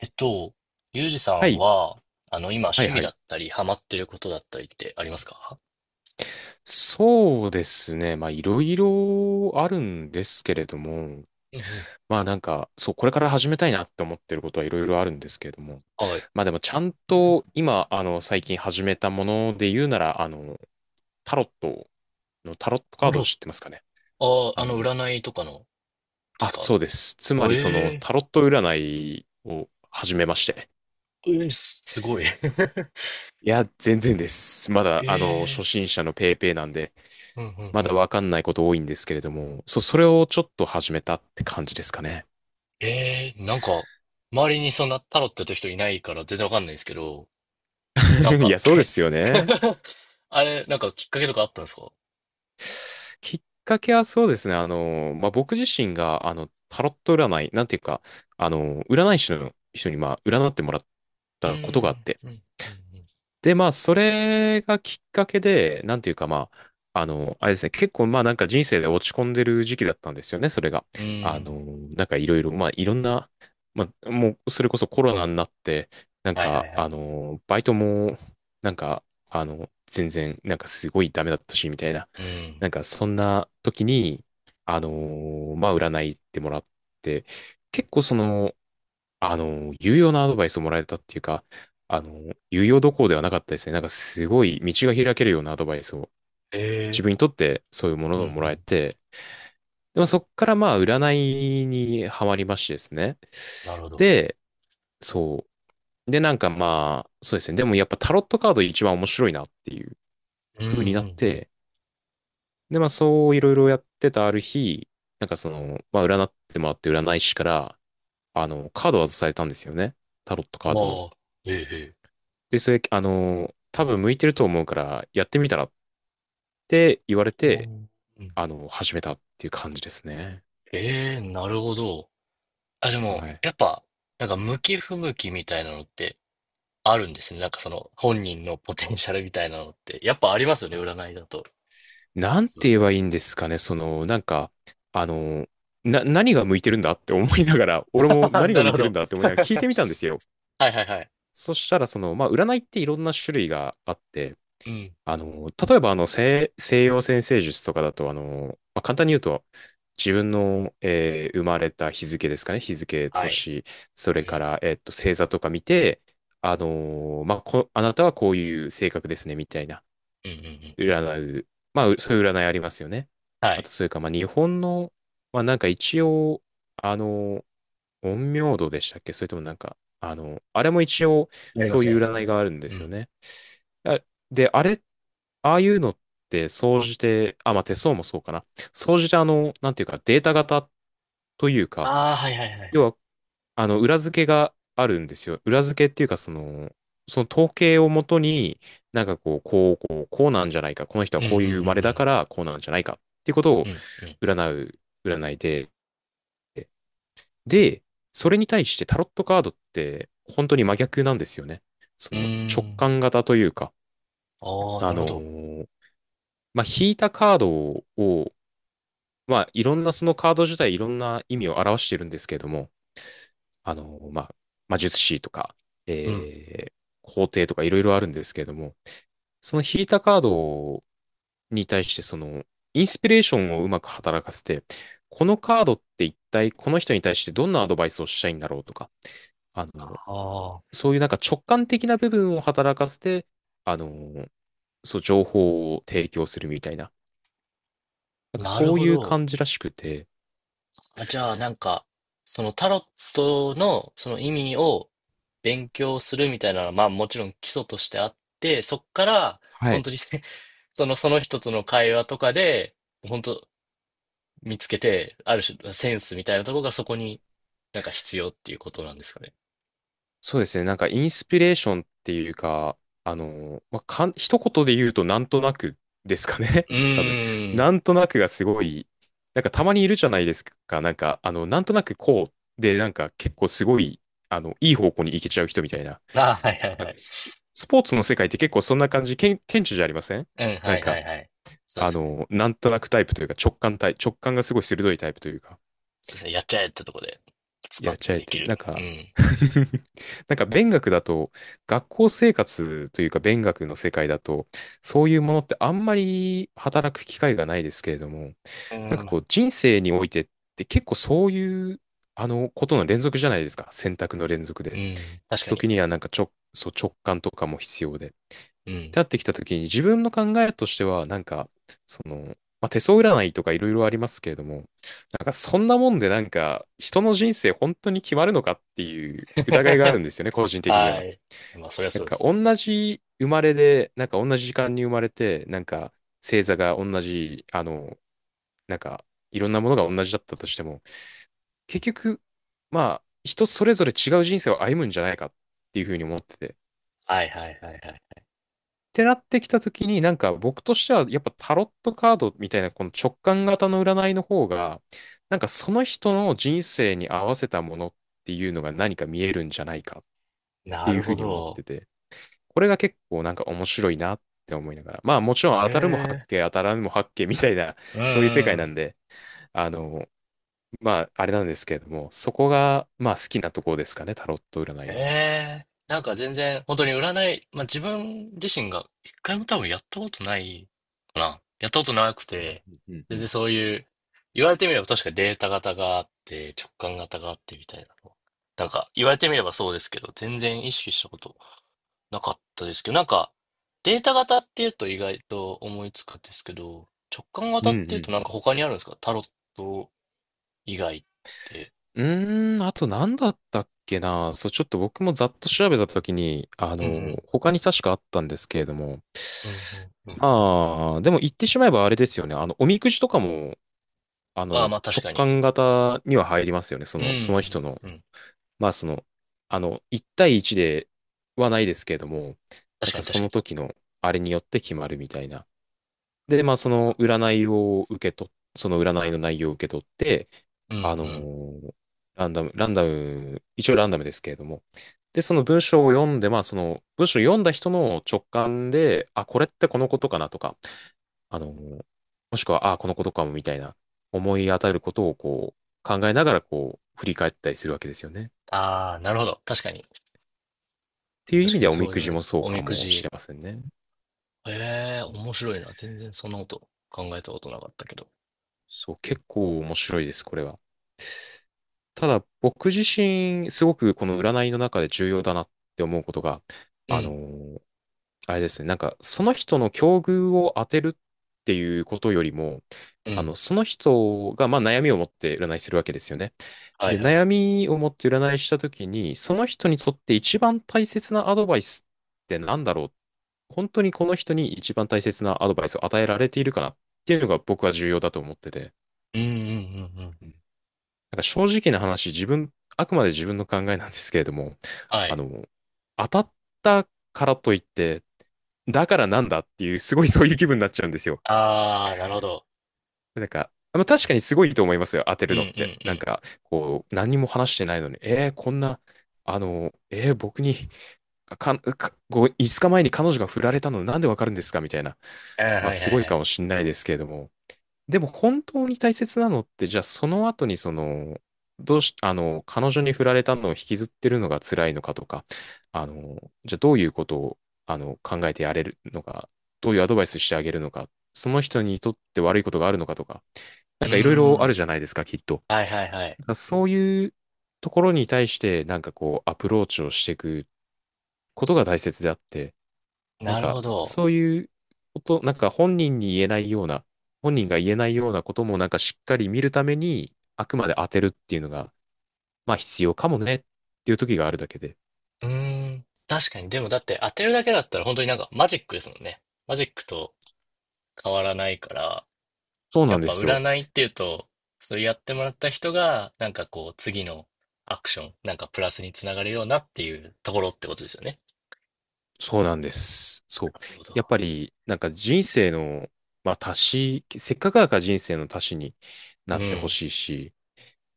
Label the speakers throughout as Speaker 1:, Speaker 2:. Speaker 1: えっと、ゆうじさ
Speaker 2: は
Speaker 1: ん
Speaker 2: い。
Speaker 1: は、今、
Speaker 2: はい
Speaker 1: 趣味
Speaker 2: は
Speaker 1: だ
Speaker 2: い。
Speaker 1: ったり、ハマってることだったりってありますか？
Speaker 2: そうですね。まあ、いろいろあるんですけれども、
Speaker 1: うんうん。
Speaker 2: まあなんか、そう、これから始めたいなって思ってることはいろいろあるんですけれども、
Speaker 1: はい。
Speaker 2: まあでもちゃんと今、最近始めたもので言うなら、タロットタロット
Speaker 1: タ
Speaker 2: カー
Speaker 1: ロ
Speaker 2: ド
Speaker 1: ッ
Speaker 2: 知ってますかね？
Speaker 1: ト、ああ、
Speaker 2: あの、
Speaker 1: 占いとかの、です
Speaker 2: あ、
Speaker 1: か？
Speaker 2: そうです。つま
Speaker 1: あ、
Speaker 2: りその
Speaker 1: ええ、
Speaker 2: タロット占いを始めまして。
Speaker 1: えーすごい。
Speaker 2: いや、全然です。ま だ、初
Speaker 1: え
Speaker 2: 心者のペーペーなんで、
Speaker 1: ー、うん
Speaker 2: ま
Speaker 1: うんう
Speaker 2: だ
Speaker 1: ん。
Speaker 2: わかんないこと多いんですけれども、それをちょっと始めたって感じですかね。
Speaker 1: なんか、周りにそんなタロットやってる人いないから全然わかんないんですけど、なん
Speaker 2: い
Speaker 1: か、
Speaker 2: や、そうですよね。
Speaker 1: あれ、なんかきっかけとかあったんですか？
Speaker 2: きっかけはそうですね。まあ、僕自身が、タロット占い、なんていうか、占い師の人に、まあ、占ってもらっ
Speaker 1: うー
Speaker 2: たことがあっ
Speaker 1: ん、
Speaker 2: て、
Speaker 1: うん、うん、
Speaker 2: で、まあ、それがきっかけで、なんていうか、まあ、あれですね、結構、まあ、なんか人生で落ち込んでる時期だったんですよね、それが。
Speaker 1: うん。う
Speaker 2: あ
Speaker 1: ー
Speaker 2: の、
Speaker 1: ん。
Speaker 2: なんかいろいろ、まあ、いろんな、まあ、もう、それこそコロナになって、なん
Speaker 1: はいはい
Speaker 2: か、
Speaker 1: はい。
Speaker 2: バイトも、なんか、全然、なんかすごいダメだったし、みたいな。
Speaker 1: うん。
Speaker 2: なんか、そんな時に、あの、まあ、占い行ってもらって、結構その、有用なアドバイスをもらえたっていうか、有用どころではなかったですね。なんかすごい道が開けるようなアドバイスを自
Speaker 1: ええ
Speaker 2: 分にとってそういうも
Speaker 1: ー
Speaker 2: の
Speaker 1: う
Speaker 2: をも
Speaker 1: んう
Speaker 2: らえ
Speaker 1: ん。
Speaker 2: て、でもそっからまあ占いにはまりましてですね。
Speaker 1: なるほど。
Speaker 2: で、そう。で、なんかまあ、そうですね。でもやっぱタロットカード一番面白いなっていう
Speaker 1: うんう
Speaker 2: 風になっ
Speaker 1: んうん。
Speaker 2: て、でまあそういろいろやってたある日、なんかその、まあ占ってもらって占い師から、カードを外されたんですよね。タロット
Speaker 1: あ
Speaker 2: カードの。
Speaker 1: あ、ええええ。
Speaker 2: で、それ、多分向いてると思うから、やってみたらって言われ
Speaker 1: お
Speaker 2: て、
Speaker 1: ーうん。
Speaker 2: 始めたっていう感じですね。
Speaker 1: ええ、なるほど。あ、でも、
Speaker 2: はい。
Speaker 1: やっぱ、なんか、向き不向きみたいなのってあるんですね。なんか、その、本人のポテンシャルみたいなのって。やっぱありますよね、占いだと。
Speaker 2: なん
Speaker 1: そ
Speaker 2: て
Speaker 1: う。
Speaker 2: 言えばいいんですかね、その、なんか、あの、何が向いてるんだって思いながら、俺も 何
Speaker 1: な
Speaker 2: が向
Speaker 1: る
Speaker 2: い
Speaker 1: ほ
Speaker 2: てるん
Speaker 1: ど。
Speaker 2: だって思いながら聞いてみたんですよ。
Speaker 1: はいはいはい。
Speaker 2: そしたら、その、まあ、占いっていろんな種類があって、
Speaker 1: うん。
Speaker 2: 例えば西洋占星術とかだと、まあ、簡単に言うと、自分の、生まれた日付ですかね、日付、
Speaker 1: はい。
Speaker 2: 年、そ
Speaker 1: う
Speaker 2: れか
Speaker 1: ん。
Speaker 2: ら、星座とか見て、あのまあ、あなたはこういう性格ですね、みたいな、
Speaker 1: うんうんうん。うん、
Speaker 2: 占う、まあ、そういう占いありますよね。
Speaker 1: は
Speaker 2: あと、
Speaker 1: い。
Speaker 2: それから、まあ、日本の、まあ、なんか一応、あのー陰陽道でしたっけ？それともなんか、あれも一応、
Speaker 1: なりま
Speaker 2: そう
Speaker 1: す
Speaker 2: いう
Speaker 1: ね。
Speaker 2: 占いがあるんで
Speaker 1: う
Speaker 2: すよ
Speaker 1: ん。
Speaker 2: ね。あで、あれ、ああいうのって、総じて、あ、まあ、手相もそうかな。総じて、なんていうか、データ型というか、
Speaker 1: ああ、はいはいはいは
Speaker 2: 要
Speaker 1: い。
Speaker 2: は、裏付けがあるんですよ。裏付けっていうか、その、その統計をもとに、なんかこう、こう、こう、こうなんじゃないか。この人
Speaker 1: う
Speaker 2: は
Speaker 1: んう
Speaker 2: こういう生まれだ
Speaker 1: ん
Speaker 2: から、こうなんじゃないか。っていうこと
Speaker 1: うん
Speaker 2: を
Speaker 1: うん。うんうん。
Speaker 2: 占う、占いで。で、それに対してタロットカードって、本当に真逆なんですよね。そ
Speaker 1: う
Speaker 2: の、直
Speaker 1: ーん。
Speaker 2: 感型というか、
Speaker 1: ああ、
Speaker 2: あ
Speaker 1: なる
Speaker 2: の
Speaker 1: ほど。
Speaker 2: ーまあ、引いたカードを、まあ、いろんな、そのカード自体いろんな意味を表してるんですけれども、まあ、魔術師とか、
Speaker 1: うん。
Speaker 2: えー、皇帝とかいろいろあるんですけれども、その引いたカードに対して、その、インスピレーションをうまく働かせて、このカードって一体この人に対してどんなアドバイスをしたいんだろうとか、あ
Speaker 1: あ
Speaker 2: の、
Speaker 1: あ、
Speaker 2: そういうなんか直感的な部分を働かせて、あの、そう、情報を提供するみたいな、なんか
Speaker 1: なる
Speaker 2: そう
Speaker 1: ほ
Speaker 2: いう
Speaker 1: ど。
Speaker 2: 感じらしくて、
Speaker 1: あ、じゃあ、なんか、そのタロットのその意味を勉強するみたいなのは、まあもちろん基礎としてあって、そっから、
Speaker 2: は
Speaker 1: 本
Speaker 2: い。
Speaker 1: 当にその人との会話とかで、本当見つけて、ある種、センスみたいなところがそこになんか必要っていうことなんですかね？
Speaker 2: そうですね。なんかインスピレーションっていうか、まあ、一言で言うとなんとなくですかね。
Speaker 1: う
Speaker 2: 多分。
Speaker 1: ー
Speaker 2: な
Speaker 1: ん。
Speaker 2: んとなくがすごい、なんかたまにいるじゃないですか。なんか、なんとなくこうで、なんか結構すごい、いい方向に行けちゃう人みたいな。
Speaker 1: あ、はいはい
Speaker 2: なん
Speaker 1: は
Speaker 2: か
Speaker 1: い。
Speaker 2: スポーツの世界って結構そんな感じ、顕著じゃありません？
Speaker 1: うん、
Speaker 2: な
Speaker 1: は
Speaker 2: ん
Speaker 1: いは
Speaker 2: か、
Speaker 1: いはい。そうですね。
Speaker 2: なんとなくタイプというか直感がすごい鋭いタイプというか、
Speaker 1: そうですね。やっちゃえってとこで、スパ
Speaker 2: やっ
Speaker 1: ッ
Speaker 2: ち
Speaker 1: と
Speaker 2: ゃえ
Speaker 1: でき
Speaker 2: て、な
Speaker 1: る。
Speaker 2: ん
Speaker 1: う
Speaker 2: か、
Speaker 1: ん。
Speaker 2: なんか勉学だと、学校生活というか勉学の世界だと、そういうものってあんまり働く機会がないですけれども、
Speaker 1: う
Speaker 2: なんか
Speaker 1: ん。
Speaker 2: こう人生においてって結構そういう、ことの連続じゃないですか。選択の連続
Speaker 1: う
Speaker 2: で。
Speaker 1: ん。確かに。
Speaker 2: 時にはなんかそう直感とかも必要で。
Speaker 1: う
Speaker 2: っ
Speaker 1: ん。
Speaker 2: てなってきたときに、自分の考えとしては、なんか、その、まあ、手相占いとかいろいろありますけれども、なんかそんなもんでなんか、人の人生本当に決まるのかっていう疑いがあ るんですよね、個人的に
Speaker 1: は
Speaker 2: は。
Speaker 1: い。まあ、そりゃ
Speaker 2: なん
Speaker 1: そうで
Speaker 2: か
Speaker 1: すね。
Speaker 2: 同じ生まれで、なんか同じ時間に生まれて、なんか星座が同じ、なんかいろんなものが同じだったとしても、結局、まあ、人それぞれ違う人生を歩むんじゃないかっていうふうに思ってて。
Speaker 1: はいはいはいはい。
Speaker 2: てなってきたときに、なんか僕としては、やっぱタロットカードみたいなこの直感型の占いの方が、なんかその人の人生に合わせたものっていうのが何か見えるんじゃないかって
Speaker 1: な
Speaker 2: いう
Speaker 1: る
Speaker 2: ふう
Speaker 1: ほ
Speaker 2: に思っ
Speaker 1: ど。
Speaker 2: てて、これが結構なんか面白いなって思いながら、まあもちろん
Speaker 1: へ
Speaker 2: 当たるも八
Speaker 1: え。
Speaker 2: 卦、当たらぬも八卦みたいな、
Speaker 1: うん
Speaker 2: そういう世界な
Speaker 1: う
Speaker 2: んで、あの、まああれなんですけれども、そこがまあ好きなところですかね、タロット占
Speaker 1: ん。
Speaker 2: いの。
Speaker 1: へえ。なんか全然、本当に占い、まあ自分自身が一回も多分やったことないかな。やったことなくて、
Speaker 2: うんう
Speaker 1: 全然
Speaker 2: ん。
Speaker 1: そういう、言われてみれば確かデータ型があって、直感型があってみたいなの。なんか言われてみればそうですけど、全然意識したことなかったですけど、なんか、データ型っていうと意外と思いつくんですけど、直感
Speaker 2: うん
Speaker 1: 型
Speaker 2: うん
Speaker 1: っ
Speaker 2: う
Speaker 1: ていうとなん
Speaker 2: ん。
Speaker 1: か他にあるんですか、タロット以外って？
Speaker 2: うーん、あと何だったっけな。そう、ちょっと僕もざっと調べたときに、
Speaker 1: うん
Speaker 2: 他に確かあったんですけれども。
Speaker 1: うん。うんうんうんうん。
Speaker 2: まあ、でも言ってしまえばあれですよね。おみくじとかも、
Speaker 1: ああ、まあ確
Speaker 2: 直
Speaker 1: かに。
Speaker 2: 感型には入りますよね。そ
Speaker 1: うんう
Speaker 2: の、その人
Speaker 1: ん
Speaker 2: の。
Speaker 1: うん。
Speaker 2: まあ、その、1対1ではないですけれども、な
Speaker 1: 確
Speaker 2: ん
Speaker 1: か
Speaker 2: か
Speaker 1: に
Speaker 2: そ
Speaker 1: 確か
Speaker 2: の
Speaker 1: に。
Speaker 2: 時のあれによって決まるみたいな。で、まあ、その占いを受け取っ、その占いの内容を受け取って、
Speaker 1: うんう
Speaker 2: あの
Speaker 1: ん。
Speaker 2: ーランダム、ランダム、一応ランダムですけれども、で、その文章を読んで、まあ、その文章を読んだ人の直感で、あ、これってこのことかなとか、あのーもしくは、あ、このことかもみたいな、思い当たることをこう、考えながらこう、振り返ったりするわけですよね。っ
Speaker 1: ああ、なるほど。確かに。
Speaker 2: ていう意
Speaker 1: 確
Speaker 2: 味
Speaker 1: か
Speaker 2: で
Speaker 1: に
Speaker 2: は、おみ
Speaker 1: そう
Speaker 2: く
Speaker 1: 言わ
Speaker 2: じ
Speaker 1: れる。
Speaker 2: もそう
Speaker 1: お
Speaker 2: か
Speaker 1: みく
Speaker 2: もし
Speaker 1: じ。
Speaker 2: れませんね。
Speaker 1: ええ、
Speaker 2: うん。
Speaker 1: 面白いな。全然そんなこと考えたことなかったけど。
Speaker 2: そう、結構面白いです、これは。ただ僕自身、すごくこの占いの中で重要だなって思うことが、
Speaker 1: う
Speaker 2: あの
Speaker 1: ん、
Speaker 2: ーあれですね、なんかその人の境遇を当てるっていうことよりも、
Speaker 1: う
Speaker 2: あ
Speaker 1: ん。
Speaker 2: の、その人が、まあ、悩みを持って占いするわけですよね。
Speaker 1: はい
Speaker 2: で、
Speaker 1: はい。
Speaker 2: 悩みを持って占いしたときに、その人にとって一番大切なアドバイスってなんだろう。本当にこの人に一番大切なアドバイスを与えられているかなっていうのが僕は重要だと思ってて。
Speaker 1: うんうんうんうん。
Speaker 2: なんか正直な話、自分、あくまで自分の考えなんですけれども、
Speaker 1: は
Speaker 2: あ
Speaker 1: い。
Speaker 2: の、当たったからといって、だからなんだっていう、すごい そういう気分になっちゃうんですよ。
Speaker 1: ああ、なるほど。
Speaker 2: なんか、まあ、確かにすごいと思いますよ、当て
Speaker 1: う
Speaker 2: る
Speaker 1: んう
Speaker 2: のって。
Speaker 1: んう
Speaker 2: なん
Speaker 1: ん。
Speaker 2: か、こう、何も話してないのに、こんな、あの、僕に、か、か、5日前に彼女が振られたのなんでわかるんですかみたいな。
Speaker 1: あ、はい
Speaker 2: まあ、
Speaker 1: はいは
Speaker 2: すごいか
Speaker 1: い。
Speaker 2: もしんないですけれども、でも本当に大切なのって、じゃあその後にその、どうし、あの、彼女に振られたのを引きずってるのが辛いのかとか、あの、じゃあどういうことを、あの、考えてやれるのか、どういうアドバイスしてあげるのか、その人にとって悪いことがあるのかとか、
Speaker 1: う
Speaker 2: なん
Speaker 1: ー
Speaker 2: かいろいろ
Speaker 1: ん。
Speaker 2: あるじゃないですか、きっと。
Speaker 1: はいはいはい。
Speaker 2: なんかそういうところに対して、なんかこう、アプローチをしていくことが大切であって、なん
Speaker 1: なる
Speaker 2: か、
Speaker 1: ほど。
Speaker 2: そういうこと、なんか本人に言えないような、本人が言えないようなこともなんかしっかり見るために、あくまで当てるっていうのが、まあ必要かもねっていう時があるだけで。
Speaker 1: うーん。確かに、でもだって当てるだけだったら本当になんかマジックですもんね。マジックと変わらないから、
Speaker 2: そう
Speaker 1: や
Speaker 2: な
Speaker 1: っ
Speaker 2: んで
Speaker 1: ぱ
Speaker 2: すよ。
Speaker 1: 占いっていうと、それやってもらった人が、なんかこう次のアクション、なんかプラスにつながるようなっていうところってことですよね。
Speaker 2: そうなんです。そ
Speaker 1: な
Speaker 2: う。
Speaker 1: るほ
Speaker 2: やっ
Speaker 1: ど。
Speaker 2: ぱり、なんか人生の、まあ足し、せっかくだから人生の足しに
Speaker 1: う
Speaker 2: なってほ
Speaker 1: ん。
Speaker 2: しいし、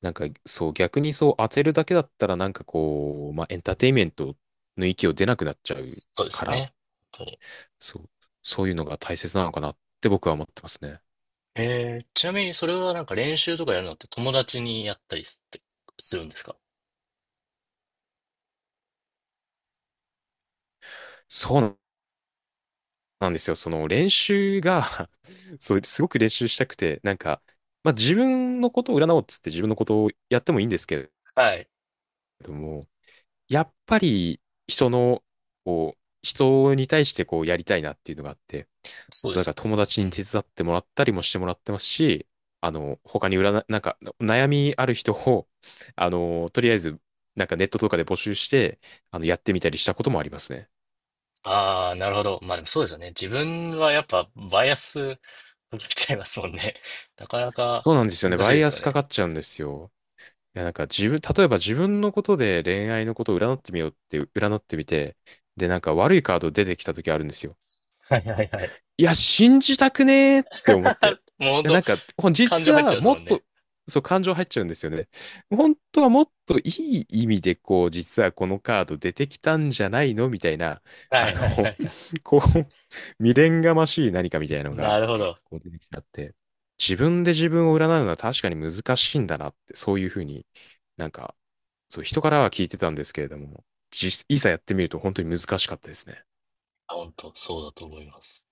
Speaker 2: なんかそう、逆にそう当てるだけだったらなんかこう、まあエンターテインメントの域を出なくなっちゃう
Speaker 1: そうです
Speaker 2: か
Speaker 1: よ
Speaker 2: ら、
Speaker 1: ね。本当に。
Speaker 2: そう、そういうのが大切なのかなって僕は思ってますね。
Speaker 1: ちなみにそれはなんか練習とかやるのって、友達にやったりすってするんですか？
Speaker 2: そうなんですよ。その練習が そう、すごく練習したくて、なんか、まあ自分のことを占おうっつって自分のことをやってもいいんですけれ
Speaker 1: はい。
Speaker 2: ども、やっぱり人の、こう、人に対してこうやりたいなっていうのがあって、
Speaker 1: そうで
Speaker 2: そう、だか
Speaker 1: す
Speaker 2: ら友
Speaker 1: よ
Speaker 2: 達に
Speaker 1: ね。
Speaker 2: 手伝ってもらったりもしてもらってますし、あの、他に占い、なんか、悩みある人を、あの、とりあえず、なんかネットとかで募集して、あの、やってみたりしたこともありますね。
Speaker 1: ああ、なるほど。まあでもそうですよね。自分はやっぱバイアスかけちゃいますもんね。なかなか
Speaker 2: そうなんですよね。
Speaker 1: 難しい
Speaker 2: バ
Speaker 1: で
Speaker 2: イ
Speaker 1: す
Speaker 2: ア
Speaker 1: よ
Speaker 2: スか
Speaker 1: ね。
Speaker 2: かっちゃうんですよ。いや、なんか自分、例えば自分のことで恋愛のことを占ってみようって、占ってみて、で、なんか悪いカード出てきた時あるんですよ。
Speaker 1: はいはいはい。
Speaker 2: いや、信じたくねーって思っ て。
Speaker 1: もう本
Speaker 2: いや、な
Speaker 1: 当、
Speaker 2: んか、ほん
Speaker 1: 感
Speaker 2: 実
Speaker 1: 情入っちゃ
Speaker 2: は
Speaker 1: います
Speaker 2: も
Speaker 1: もん
Speaker 2: っ
Speaker 1: ね。
Speaker 2: と、そう、感情入っちゃうんですよね。本当はもっといい意味で、こう、実はこのカード出てきたんじゃないのみたいな、
Speaker 1: は
Speaker 2: あ
Speaker 1: いはいは
Speaker 2: の、
Speaker 1: いはい。
Speaker 2: こう、未練がましい何かみたいなの
Speaker 1: な
Speaker 2: が、
Speaker 1: るほど。
Speaker 2: こう出てきちゃって、自分で自分を占うのは確かに難しいんだなって、そういうふうになんか、そう、人からは聞いてたんですけれども、いざやってみると本当に難しかったですね。
Speaker 1: 本当そうだと思います。